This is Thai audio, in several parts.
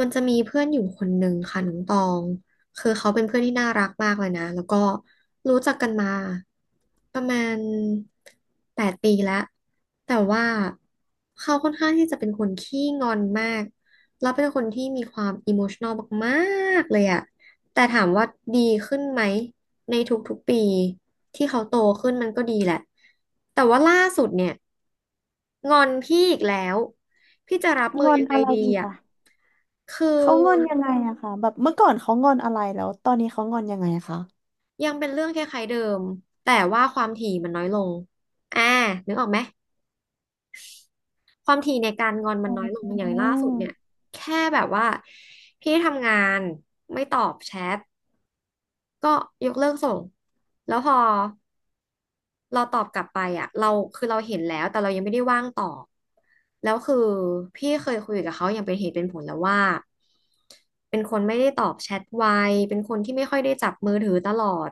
มันจะมีเพื่อนอยู่คนหนึ่งค่ะน้องตองคือเขาเป็นเพื่อนที่น่ารักมากเลยนะแล้วก็รู้จักกันมาประมาณแปดปีแล้วแต่ว่าเขาค่อนข้างที่จะเป็นคนขี้งอนมากแล้วเป็นคนที่มีความอิโมชัน a ลมากๆเลยอะแต่ถามว่าดีขึ้นไหมในทุกๆปีที่เขาโตขึ้นมันก็ดีแหละแต่ว่าล่าสุดเนี่ยงอนพี่อีกแล้วพี่จะรับมืงออนยังไงอะไรดีอีกอะ อะคืเขางอนอยังไงอะคะแบบเมื่อก่อนเขางอนอะไรแล้วตอนนี้เขางอนยังไงอะคะยังเป็นเรื่องคล้ายๆเดิมแต่ว่าความถี่มันน้อยลงอ่านึกออกไหมความถี่ในการงอนมัอ๋นน้อยลงออย่างล่าสุดเนี่ยแค่แบบว่าพี่ทำงานไม่ตอบแชท ก็ยกเลิกส่ง แล้วพอเราตอบกลับไปอ่ะเราคือเราเห็นแล้วแต่เรายังไม่ได้ว่างตอบแล้วคือพี่เคยคุยกับเขาอย่างเป็นเหตุเป็นผลแล้วว่าเป็นคนไม่ได้ตอบแชทไวเป็นคนที่ไม่ค่อยได้จับมือถือตลอด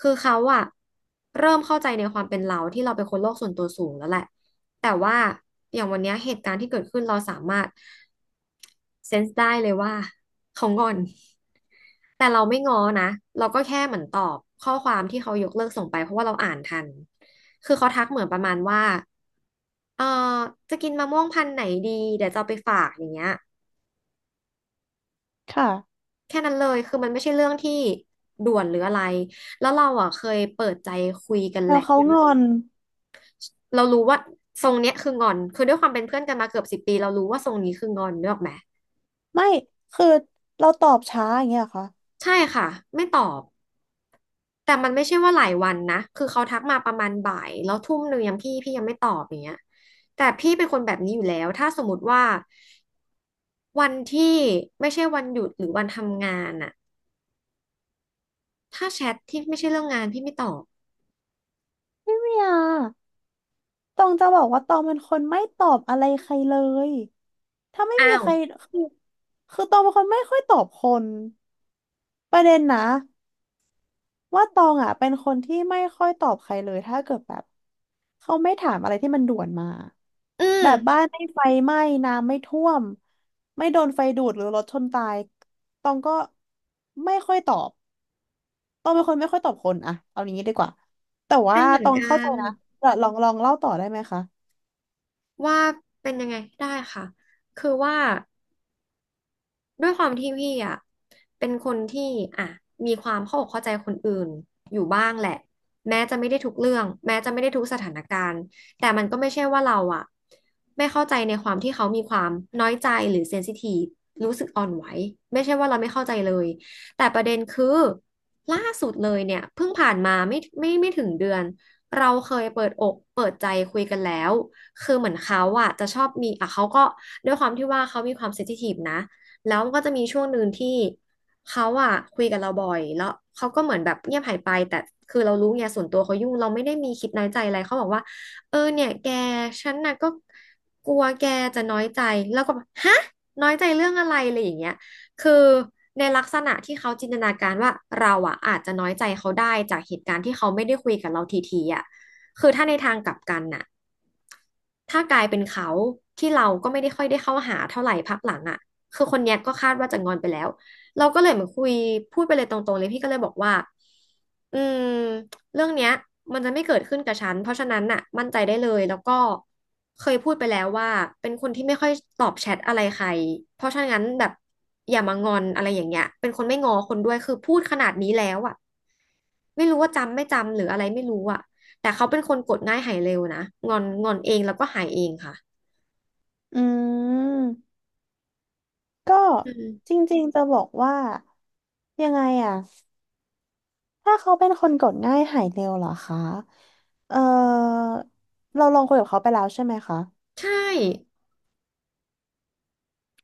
คือเขาอ่ะเริ่มเข้าใจในความเป็นเราที่เราเป็นคนโลกส่วนตัวสูงแล้วแหละ แต่ว่าอย่างวันเนี้ยเหตุการณ์ที่เกิดขึ้นเราสามารถ เซนส์ได้เลยว่าเขางอนแต่เราไม่ง้อนะ เราก็แค่เหมือนตอบข้อความที่เขายกเลิกส่งไปเพราะว่าเราอ่านทัน คือเขาทักเหมือนประมาณว่าเออจะกินมะม่วงพันธุ์ไหนดีเดี๋ยวจะเอาไปฝากอย่างเงี้ยค่ะแค่นั้นเลยคือมันไม่ใช่เรื่องที่ด่วนหรืออะไร แล้วเราอ่ะเคยเปิดใจคุยกันแล้แหวละ เขางอนเรารู้ว่าทรงเนี้ยคืองอน คือด้วยความเป็นเพื่อนกันมาเกือบ10 ปีเรารู้ว่าทรงนี้คืองอนนึกออกไหมไม่คือเราตอบช้าอย่างเงี้ยเหรอคะใช่ค่ะไม่ตอบ แต่มันไม่ใช่ว่าหลายวันนะคือเขาทักมาประมาณบ่ายแล้วทุ่มหนึ่งยังพี่ยังไม่ตอบอย่างเงี้ยแต่พี่เป็นคนแบบนี้อยู่แล้วถ้าสมมติว่าวันที่ไม่ใช่วันหยุดหรือวันทำงานอะถ้าแชทที่ไม่ใช่เรื่องงานพี่ไม่ตอบไม่อะตองจะบอกว่าตองเป็นคนไม่ตอบอะไรใครเลยถ้าไม่อ้ามีว ใครคือคือตองเป็นคนไม่ค่อยตอบคนประเด็นนะ ว่าตองอ่ะเป็นคนที่ไม่ค่อยตอบใครเลยถ้าเกิดแบบเขาไม่ถามอะไรที่มันด่วนมาอืมแบบบ้านไม่ไฟไหม้น้ำไม่ท่วมไม่โดนไฟดูดหรือรถชนตายตองก็ไม่ค่อยตอบตองเป็นคนไม่ค่อยตอบคนอะเอาอย่างนี้ดีกว่าแต่ว่าเป็นเหมือตนองกัเข้าใจนนะเดีลองเล่าต่อได้ไหมคะว่าเป็นยังไงได้ค่ะคือว่า ด้วยความที่พี่อ่ะเป็นคนที่อ่ะมีความเข้าอกเข้าใจคนอื่นอยู่บ้างแหละแม้จะไม่ได้ทุกเรื่องแม้จะไม่ได้ทุกสถานการณ์แต่มันก็ไม่ใช่ว่าเราอ่ะไม่เข้าใจในความที่เขามีความน้อยใจหรือเซนซิทีฟรู้สึกอ่อนไหวไม่ใช่ว่าเราไม่เข้าใจเลยแต่ประเด็นคือล่าสุดเลยเนี่ยเพิ่งผ่านมาไม่ถึงเดือนเราเคยเปิดอกเปิดใจคุยกันแล้วคือเหมือนเขาอะจะชอบมีอะเขาก็ด้วยความที่ว่าเขามีความเซนซิทีฟนะ แล้วมันก็จะมีช่วงหนึ่งที่เขาอะคุยกับเราบ่อยแล้วเขาก็เหมือนแบบเงียบหายไปแต่คือเรารู้ไงส่วนตัวเขายุ่งเราไม่ได้มีคิดน้อยใจอะไรเขาบอกว่าเออเนี่ยแกฉันน่ะก็กลัวแกจะน้อยใจแล้วก็แบบฮะน้อยใจเรื่องอะไรอะไรอย่างเงี้ยคือในลักษณะที่เขาจินตนาการว่าเราอะอาจจะน้อยใจเขาได้จากเหตุการณ์ที่เขาไม่ได้คุยกับเราทีๆอะคือถ้าในทางกลับกันน่ะ ถ้ากลายเป็นเขาที่เราก็ไม่ได้ค่อยได้เข้าหาเท่าไหร่พักหลังอ่ะคือคนเนี้ยก็คาดว่าจะงอนไปแล้วเราก็เลยเหมือนคุยพูดไปเลยตรงๆเลยพี่ก็เลยบอกว่าอืมเรื่องเนี้ยมันจะไม่เกิดขึ้นกับฉันเพราะฉะนั้นน่ะมั่นใจได้เลยแล้วก็เคยพูดไปแล้วว่าเป็นคนที่ไม่ค่อยตอบแชทอะไรใครเพราะฉะนั้นแบบอย่ามางอนอะไรอย่างเงี้ยเป็นคนไม่งอคนด้วยคือพูดขนาดนี้แล้วอ่ะไม่รู้ว่าจำไม่จำหรืออะไรไม่รู้อ่ะ แต่เขาเป็นคนกดง่ายหายเร็วนะงอนงอนเองแล้วก็หายเองค่ะอืมก็อืจมริงๆจะบอกว่ายังไงอ่ะ ถ้าเขาเป็นคนกดง่ายหายเร็วเหรอคะเออเราลองคุยกับเขาไปแล้วใช่ไหมคะใช่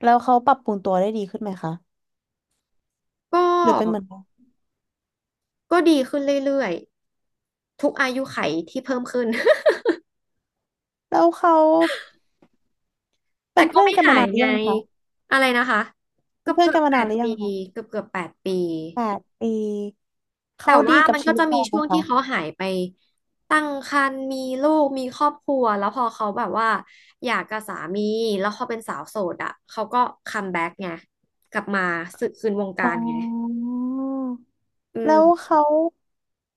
แล้วเขาปรับปรุงตัวได้ดีขึ้นไหมคะก็หรือเป็นเหมือนเราก็ดีขึ้นเรื่อยๆ ทุกอายุไขที่เพิ่มขึ้น แล้วเขา เป็แต่นก็เพื่อนไม่กันหามายนานหรืไงอยังคะอะไรนะคะ เป็เกืนอบเพื่อเกืนอกับนมาแปนานดหรือยัปีงคะเกือบ8 ปี แปดปีแต่เขาดีว่ากับมันชีก็วิตจะมีเราไหมช่วงคะที่เขาหายไปตั้งครรภ์มีลูกมีครอบครัวแล้วพอเขาแบบว่าอยากกับสามีแล้วเขาเป็นสาวโสดอ่ะเขาก็คัมแบ็กไงกลับมาสึกคืนวงอ๋กาอรไงอืแล้วม เขา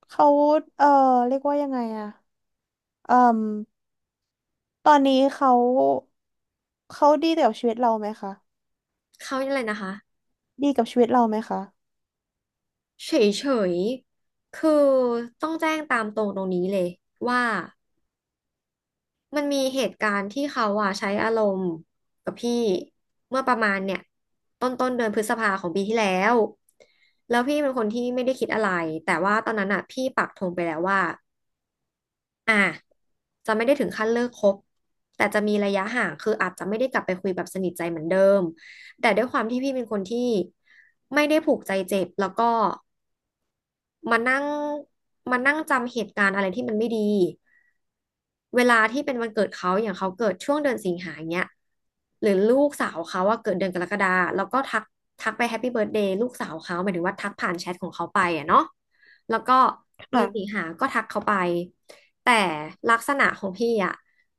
เขาเออเรียกว่ายังไงอะเอ่มตอนนี้เขาดีกับชีวิตเราไหมคะเขาเรียกอะไรนะคะดีกับชีวิตเราไหมคะเฉยๆคือต้องแจ้งตามตรงตรงนี้เลยว่ามันมีเหตุการณ์ที่เขาอ่ะใช้อารมณ์กับพี่เมื่อประมาณเนี่ยต้นเดือนพฤษภาของปีที่แล้วแล้วพี่เป็นคนที่ไม่ได้คิดอะไรแต่ว่าตอนนั้นอ่ะพี่ปักธงไปแล้วว่าอ่ะจะไม่ได้ถึงขั้นเลิกคบแต่จะมีระยะห่างคืออาจจะไม่ได้กลับไปคุยแบบสนิทใจเหมือนเดิมแต่ด้วยความที่พี่เป็นคนที่ไม่ได้ผูกใจเจ็บแล้วก็ มานั่งมานั่งจำเหตุการณ์อะไรที่มันไม่ดีเวลาที่เป็นวันเกิดเขาอย่างเขาเกิดช่วงเดือนสิงหาเนี้ยหรือลูกสาวเขาว่าเกิดเดือนกรกฎาแล้วก็ทักไปแฮปปี้เบิร์ a เดย์ลูกสาวเขาหมายถึงว่าทักผ่านแชทของเขาไปอ่ะเนาะแล้วก็เดือนสิงค่ะหาก็ทักเขาไปแต่ลักษณะของพี่อ่ะ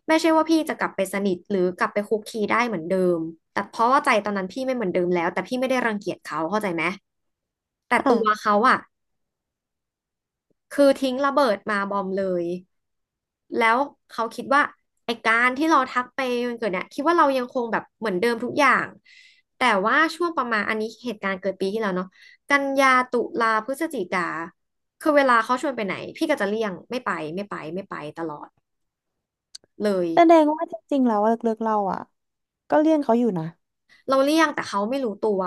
ไม่ใช่ว่าพี่จะกลับไปสนิทหรือกลับไปคุกคีได้เหมือนเดิมแต่เพราะว่าใจตอนนั้นพี่ไม่เหมือนเดิมแล้วแต่พี่ไม่ได้รังเกียจเขาเข้าใจไหมแต่ตัวค่ะ เขาอ่ะ คือทิ้งระเบิดมาบอมเลย แล้วเขาคิดว่าไอ้การที่เราทักไปมันเกิดเนี่ยคิดว่าเรายังคงแบบเหมือนเดิมทุกอย่าง แต่ว่าช่วงประมาณอันนี้เหตุการณ์เกิดปีที่แล้วเนาะกันยาตุลาพฤศจิกาคือเวลาเขาชวนไปไหนพี่ก็จะเลี่ยงไม่ไปไม่ไปไม่ไปตลอดเลย แสดงว่าจริงๆแล้วเลิกๆเราอ่ะก็เลี่ยงเขาอยู่นะเราเลี่ยงแต่เขาไม่รู้ตัว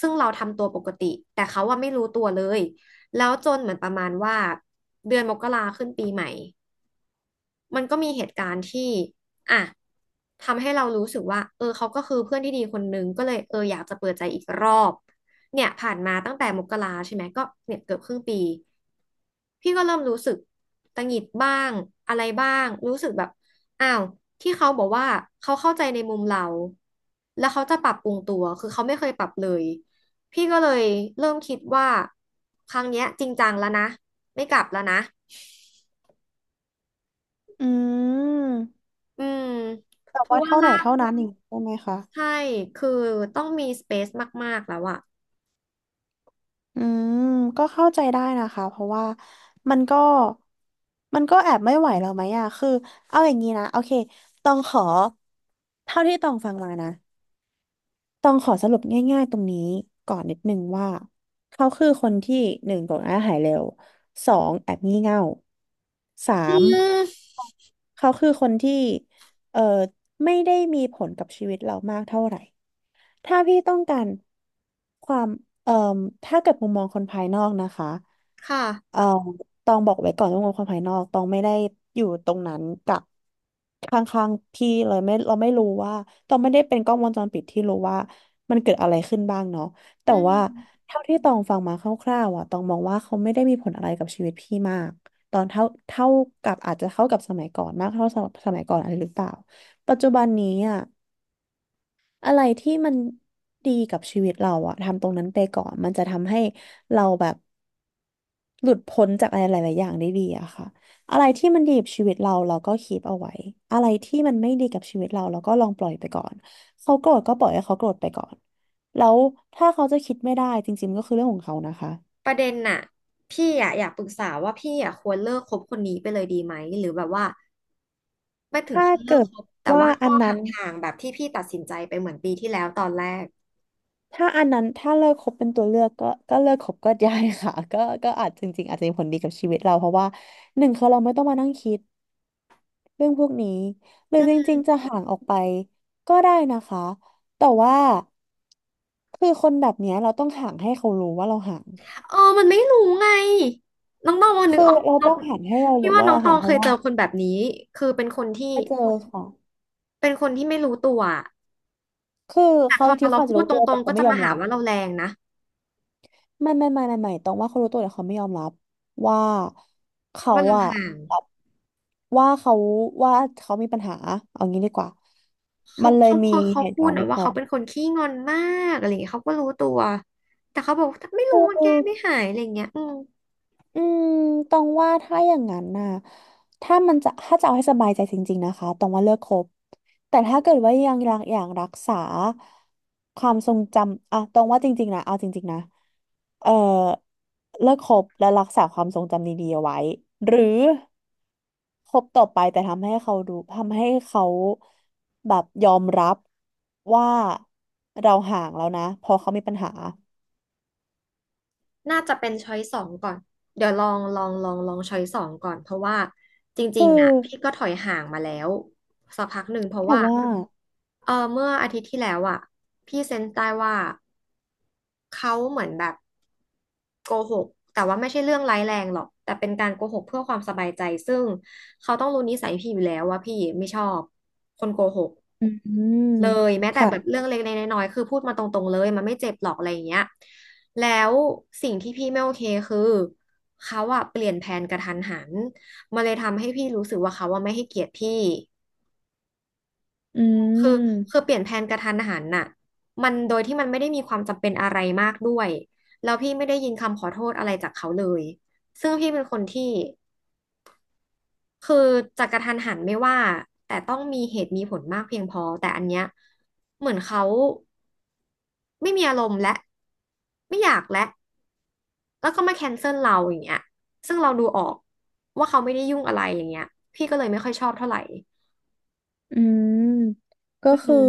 ซึ่งเราทำตัวปกติแต่เขาว่าไม่รู้ตัวเลยแล้วจนเหมือนประมาณว่าเดือนมกราขึ้นปีใหม่ มันก็มีเหตุการณ์ที่อ่ะทำให้เรารู้สึกว่าเออเขาก็คือเพื่อนที่ดีคนนึงก็เลยเอออยากจะเปิดใจอีกรอบ เนี่ยผ่านมาตั้งแต่มกราใช่ไหมก็เนี่ยเกือบครึ่งปีพี่ก็เริ่มรู้สึกตังหงิดบ้าง อะไรบ้าง รู้สึกแบบอ้าวที่เขาบอกว่า เขาเข้าใจในมุมเรา แล้วเขาจะปรับปรุงตัว คือเขาไม่เคยปรับเลย พี่ก็เลยเริ่มคิดว่าครั้งเนี้ยจริงจังแล้วนะไม่กลับแล้วนะอืมอืมแต่เพราะว่าว่าเท่าไหนล่า เท่านั้นอย่างนี้ใช่ไหมคะใช่คือต้องมีสเปซมากๆแล้วอะอืมก็เข้าใจได้นะคะเพราะว่ามันก็มันก็แอบไม่ไหวเราไหมอะคือเอาอย่างนี้นะโอเคต้องขอเท่าที่ต้องฟังมานะต้องขอสรุปง่ายๆตรงนี้ก่อนนิดนึงว่าเขาคือคนที่หนึ่งโกรธง่ายหายเร็วสองแอบงี่เง่าสาอืม มเขาคือคนที่เอ่อไม่ได้มีผลกับชีวิตเรามากเท่าไหร่ ถ้าพี่ต้องการความเอ่อถ้าเกิดมุมมองคนภายนอกนะคะ ค่ะเอ่อตองบอกไว้ก่อนว่างบความภายนอกตองไม่ได้อยู่ตรงนั้นกับข้างๆพี่เลยไม่เราไม่รู้ว่าตองไม่ได้เป็นกล้องวงจรปิดที่รู้ว่ามันเกิดอะไรขึ้นบ้างเนาะแต่อืว่ามเท่าที่ตองฟังมาคร่าวๆอ่ะตองมองว่าเขาไม่ได้มีผลอะไรกับชีวิตพี่มากตอนเท่ากับอาจจะเท่ากับสมัยก่อนมากเท่าสมัยก่อนอะไรหรือเปล่าปัจจุบันนี้อ่ะอะไรที่มันดีกับชีวิตเราอ่ะทำตรงนั้นไปก่อนมันจะทำให้เราแบบ หลุดพ้นจากอะไรหลายๆอย่างได้ดีอะค่ะอะไรที่มันดีกับชีวิตเราเราก็คีปเอาไว้ อะไรที่มันไม่ดีกับชีวิตเราเราก็ลองปล่อยไปก่อนเขาโกรธก็ปล่อยให้เขาโกรธไปก่อนแล้วถ้าเขาจะคิดไม่ได้จริงๆก็คือเรื่องของเขานะคะประเด็นน่ะพี่อะอยากปรึกษาว่าพี่อะควรเลิกคบคนนี้ไปเลยดีไหม หรือแบบว่าไม่ถึงถ้าขั้นเลิเกิกดคบแต่ว่าว่าอัก็นหนั้น่างๆแบบที่พี่ตัดสินใจไปเหมือนปีที่แล้วตอนแรกถ้าอันนั้นถ้าเลิกคบเป็นตัวเลือกก็เลิกคบก็ได้ค่ะก็อาจจริงๆอาจจะมีผลดีกับชีวิตเราเพราะว่าหนึ่งคือเราไม่ต้องมานั่งคิด เรื่องพวกนี้หรืออืจมริงๆจะห่างออกไปก็ได้นะคะแต่ว่าคือคนแบบเนี้ยเราต้องห่างให้เขารู้ว่าเราห่างเออมันไม่รู้ไงน้องตองวันนึคืกอออกเราน้อต้งองห่างให้เราพี่รู้ว่าว่าน้องเราตอห่างงเพเคราะยว่าเจอคนแบบนี้คือเป็นคนที่ไปเจอค่ะเป็นคนที่ไม่รู้ตัวอะคือแต่เขาพอบางทีเราเขาอาจจะพูดรู้ตรตัวแต่งๆเขาก็ไม่จะยอมามหารับว่าเราแรงนะไม่ต้องว่าเขารู้ตัวแต่เขาไม่ยอมรับว่าเขาว่าเราอะห่าง แบบว่าว่าเขามีปัญหาเอางี้ดีกว่าเขามันเลยเขามีเขาเขาเหตุพูกาดรณ์นะนี้ว่าเขา เขาเป็นคนขี้งอนมากอะไรอย่างเงี้ยเขาก็รู้ตัวแต่เขาบอกว่าไม่รู้มันแก้ไม่หายอะไรอย่างเงี้ยอืมอืมตองว่าถ้าอย่างนั้นน่ะถ้าจะเอาให้สบายใจจริงๆนะคะตองว่าเลิกคบแต่ถ้าเกิดว่ายังรักอย่างรักษาความทรงจำอ่ะตองว่าจริงๆนะเอาจริงๆนะเอ่อเลิกคบและรักษาความทรงจำดีๆเอาไว้หรือคบต่อไปแต่ทำให้เขาแบบยอมรับว่าเราห่างแล้วนะเพอเขามีปัญหาน่าจะเป็นช้อยสองก่อนเดี๋ยวลองช้อยสองก่อนเพราะว่าจคืริองๆอ่ะพี่ก็ถอยห่างมาแล้วสักพักหนึ่งเพราะแต่ว่าว่าเออเมื่ออาทิตย์ที่แล้วอ่ะพี่เซนส์ได้ว่า เขาเหมือนแบบโกหกแต่ว่าไม่ใช่เรื่องร้ายแรงหรอกแต่เป็นการโกหกเพื่อความสบายใจซึ่งเขาต้องรู้นิสัยพี่อยู่แล้วว่าพี่ไม่ชอบคนโกหกอืมเลยแม้แต่แบบค่ะ เรื่องเล็กๆน้อยๆคือพูดมาตรงๆเลยมันไม่เจ็บหรอกอะไรอย่างเงี้ยแล้วสิ่งที่พี่ไม่โอเคคือเขาอะเปลี่ยนแผนกระทันหันมันเลยทำให้พี่รู้สึกว่าเขาอะไม่ให้เกียรติพี่ อืคือคือเปมลี่ยนแผนกระทันหันน่ะมันโดยที่มันไม่ได้มีความจำเป็นอะไรมากด้วยแล้วพี่ไม่ได้ยินคำขอโทษอะไรจากเขาเลยซึ่งพี่เป็นคนที่คือจะกระทันหันไม่ว่าแต่ต้องมีเหตุมีผลมากเพียงพอแต่อันเนี้ยเหมือนเขาไม่มีอารมณ์และไม่อยากและแล้วก็มาแคนเซิลเราอย่างเงี้ยซึ่งเราดูออกว่าเขาไม่ได้ยุ่งอะไรอย่างเงี้ยพี่ก็เลยไม่ค่อยชอบเท่าไหร่อืมก็อืคือม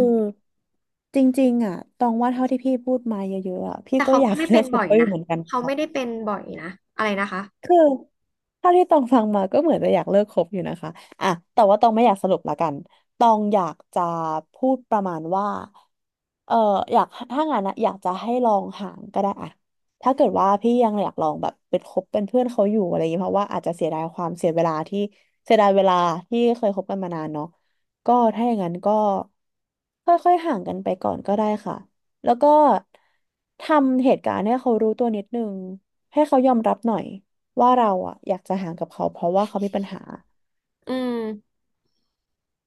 จริงๆอ่ะตองว่าเท่าที่พี่พูดมาเยอะๆอ่ะพี่แต่ก็เขาอยากไม่เลืเป็อกนคุบ่ปอยเปอร์อนะยู่เหมือนกันเขาค่ะ ไม่ได้เป็นบ่อยนะอะไรนะคะ คือเท่าที่ตองฟังมาก็เหมือนจะอยากเลิกคบอยู่นะคะอ่ะแต่ว่าตองไม่อยากสรุปละกันตองอยากจะพูดประมาณว่าเอออยากถ้างั้นนะอยากจะให้ลองห่างก็ได้อะถ้าเกิดว่าพี่ยังอยากลองแบบเป็นคบเป็นเพื่อนเขาอยู่อะไรอย่างเงี้ยเพราะว่าอาจจะเสียดายความเสียเวลาที่เสียดายเวลาที่เคยคบกันมานานเนาะก็ถ้าอย่างนั้นก็ค่อยๆห่างกันไปก่อนก็ได้ค่ะแล้วก็ทำเหตุการณ์ให้เขารู้ตัวนิดนึงให้เขายอมรับหน่อย ว่าเราอะอยากจะห่างกับเขาเพราะว่าเขามีปัญหาอืม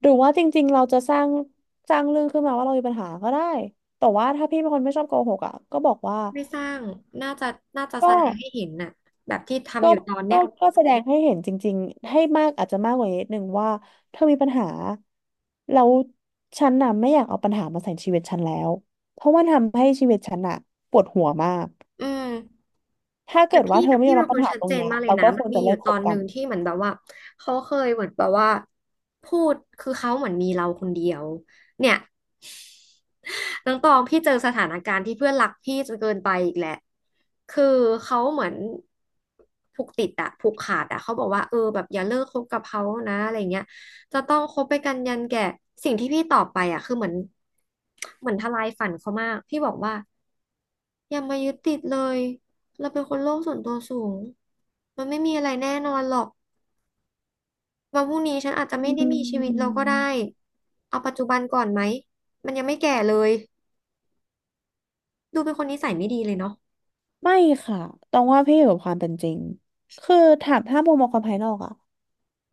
หรือว่าจริงๆเราจะสร้างเรื่องขึ้นมาว่าเรามีปัญหาก็ได้แต่ว่าถ้าพี่เป็นคนไม่ชอบโกหกอะก็บอกว่าไม่สร้างน่าจะน่าจะแสก็ดงให้เห็นน่ะแบบที่ก็ทำอยู่ตอนก็เนี้ยก็แสดงให้เห็นจริงๆให้มากอาจจะมากกว่านิดนึงว่าเธอมีปัญหาแล้วฉันน่ะไม่อยากเอาปัญหามาใส่ชีวิตฉันแล้วเพราะมันทำให้ชีวิตฉันน่ะปวดหัวมากอืม ถ้าแต่เกิดพี่ว่าเธแต่อไม่พี่ยอมเป็รันบคปัญนหาชัดตรเจงนเนี้ยมากเลยเรานะก็คมันวรมีจะอเลิยู่กตคอบนหกันึ่นงที่เหมือนแบบว่าเขาเคยเหมือนแบบว่าพูดคือเขาเหมือนมีเราคนเดียวเนี่ยน้องตองพี่เจอสถานการณ์ที่เพื่อนรักพี่จนเกินไปอีกแหละคือเขาเหมือนผูกติดอะผูกขาดอะเขาบอกว่าเออแบบอย่าเลิกคบกับเขานะอะไรเงี้ยจะต้องคบไปกันยันแก่สิ่งที่พี่ตอบไปอะคือเหมือนเหมือนทลายฝันเขามากพี่บอกว่า อย่ามายึดติดเลย เราเป็นคนโลกส่วนตัวสูงมันไม่มีอะไรแน่นอนหรอกวันพรุ่งนี้ฉันอาจจะอืไม่ได้มีชีวิตเราก็ได้ ม เอาปัจจุบันก่อนไหม มันยังไม่แก่เลย ดูเป็นคนนิสัยไม่ดีเลยเนาะไม่ค่ะต้องว่าพี่อยู่กับความเป็นจริงคือถามถ้ามุมมองคนภายนอกอะ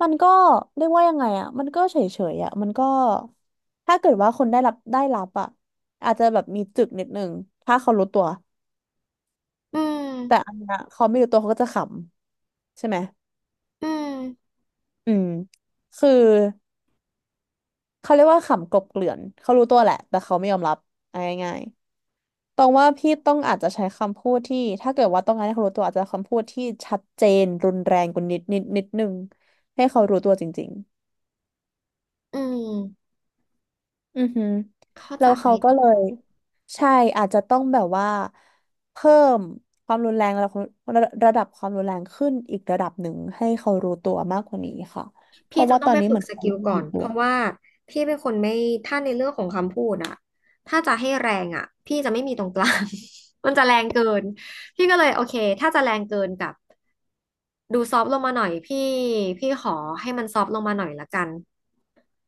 มันก็เรียกว่ายังไงอะมันก็เฉยเฉยอะมันก็ถ้าเกิดว่าคนได้รับอะอาจจะแบบมีจึกนิดนึงถ้าเขารู้ตัว อืแต่ม อันเนี้ยเขาไม่รู้ตัวเขาก็จะขำใช่ไหม อืม อืมคือเขาเรียกว่าขำกลบเกลื่อนเขารู้ตัวแหละ แต่เขาไม่ยอมรับเอาง่าย ตองว่าพี่ต้องอาจจะใช้คำพูดที่ถ้าเกิดว่าต้องการให้เขารู้ตัวอาจจะคำพูดที่ชัดเจนรุนแรงกว่านิดนึงให้เขารู้ตัวจริงอืม ๆอือหือเข้าแล้ใจ วเขาก็เลยใช่อาจจะต้องแบบว่าเพิ่มความรุนแรงระดับระระดับความรุนแรงขึ้นอีกระดับหนึ่งให้เขารู้ตัวมากกว่านี้ค่ะเพพี่ราะจะว่าต้ตองอนไปนี้ฝึเหมืกอนสเขากิลไม่ก่อรู้นตัเพวราะว่าพี่เป็นคนไม่ถ้าในเรื่องของคำพูดอะถ้าจะให้แรงอะพี่จะไม่มีตรงกลาง มันจะแรงเกินพี่ก็เลยโอเคถ้าจะแรงเกินกับดูซอฟต์ลงมาหน่อยพี่พี่ขอให้มันซอฟต์ลงมาหน่อยละกัน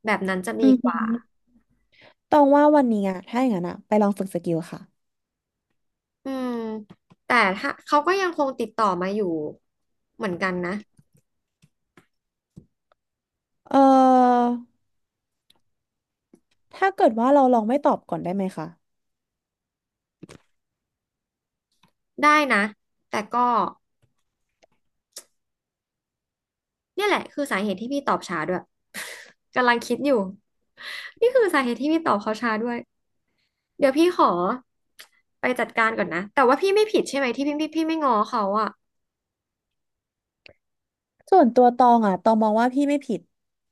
แบบนั้นจะอืดีอกหืว่าอตองว่าวันนี้อะถ้าอย่างนั้นอะไปลองฝึกสกิลค่ะอืมแต่ถ้าเขาก็ยังคงติดต่อมาอยู่เหมือนกันนะเอ่อถ้าเกิดว่าเราลองไม่ตอบก่อนได้ไหมคะ ได้นะแต่ก็ เนี่ยแหละคือสาเหตุที่พี่ตอบช้าด้วย กำลังคิดอยู่นี่คือสาเหตุที่พี่ตอบเขาช้าด้วยเดี๋ยวพี่ขอไปจัดการก่อนนะแต่ว่าพี่ไม่ผิดใช่ไหมที่พี่ไม่ง้อเขาอ่ะส่วนตัวตองอ่ะตองมองว่าพี่ไม่ผิด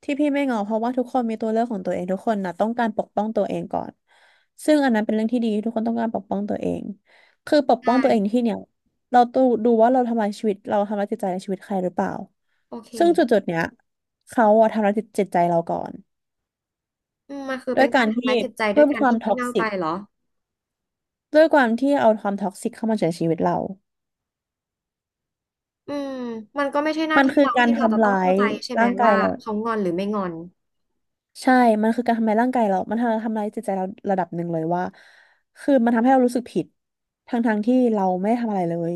ที่พี่ไม่งอเพราะว่าทุกคนมีตัวเลือกของตัวเองทุกคนน่ะต้องการปกป้องตัวเองก่อนซึ่งอันนั้นเป็นเรื่องที่ดีทุกคนต้องการปกป้องตัวเองคือปกใช่ป้องตัวเองในที่เนี่ยเราต้องดูว่าเราทำลายชีวิตเราทำลายจิตใจในชีวิตใครหรือเปล่าโอเคซึ่งจุดๆเนี้ยเขาอะทำลายจิตใจเราก่อนอืมมันคือด้เป็วนยกาการรทำที่ร้ายจิตใจด้วเพิ่ยมกาครวามที่งี่ท็อกเง่าซิไปกเหรอด้วยความที่เอาความท็อกซิกเข้ามาในชีวิตเราอืมมันก็ไม่ใช่หน้ามันที่คือเราการที่เราจะทำต้องร้าเข้ายใจใช่ไหมร่างกายว่าเรา เขางอนหรือไม่งอนใช่ มันคือการทำลายร่างกายเรามันทำลายจิตใจเราระดับหนึ่งเลยว่า คือมันทำให้เรารู้สึกผิดทั้งๆที่เราไม่ได้ทำอะไรเลย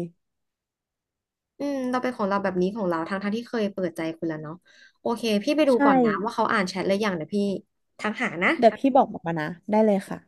อืมเราเป็นของเราแบบนี้ของเราทั้งทั้งที่เคยเปิดใจคุณแล้วเนาะโอเคพี่ไปดูใช่ ก่อนนะว่าเขาอ่านแชทหรือยังเดี๋ยวพี่ทักหานะเดี๋ยวพี่บอกมานะ ได้เลยค่ะ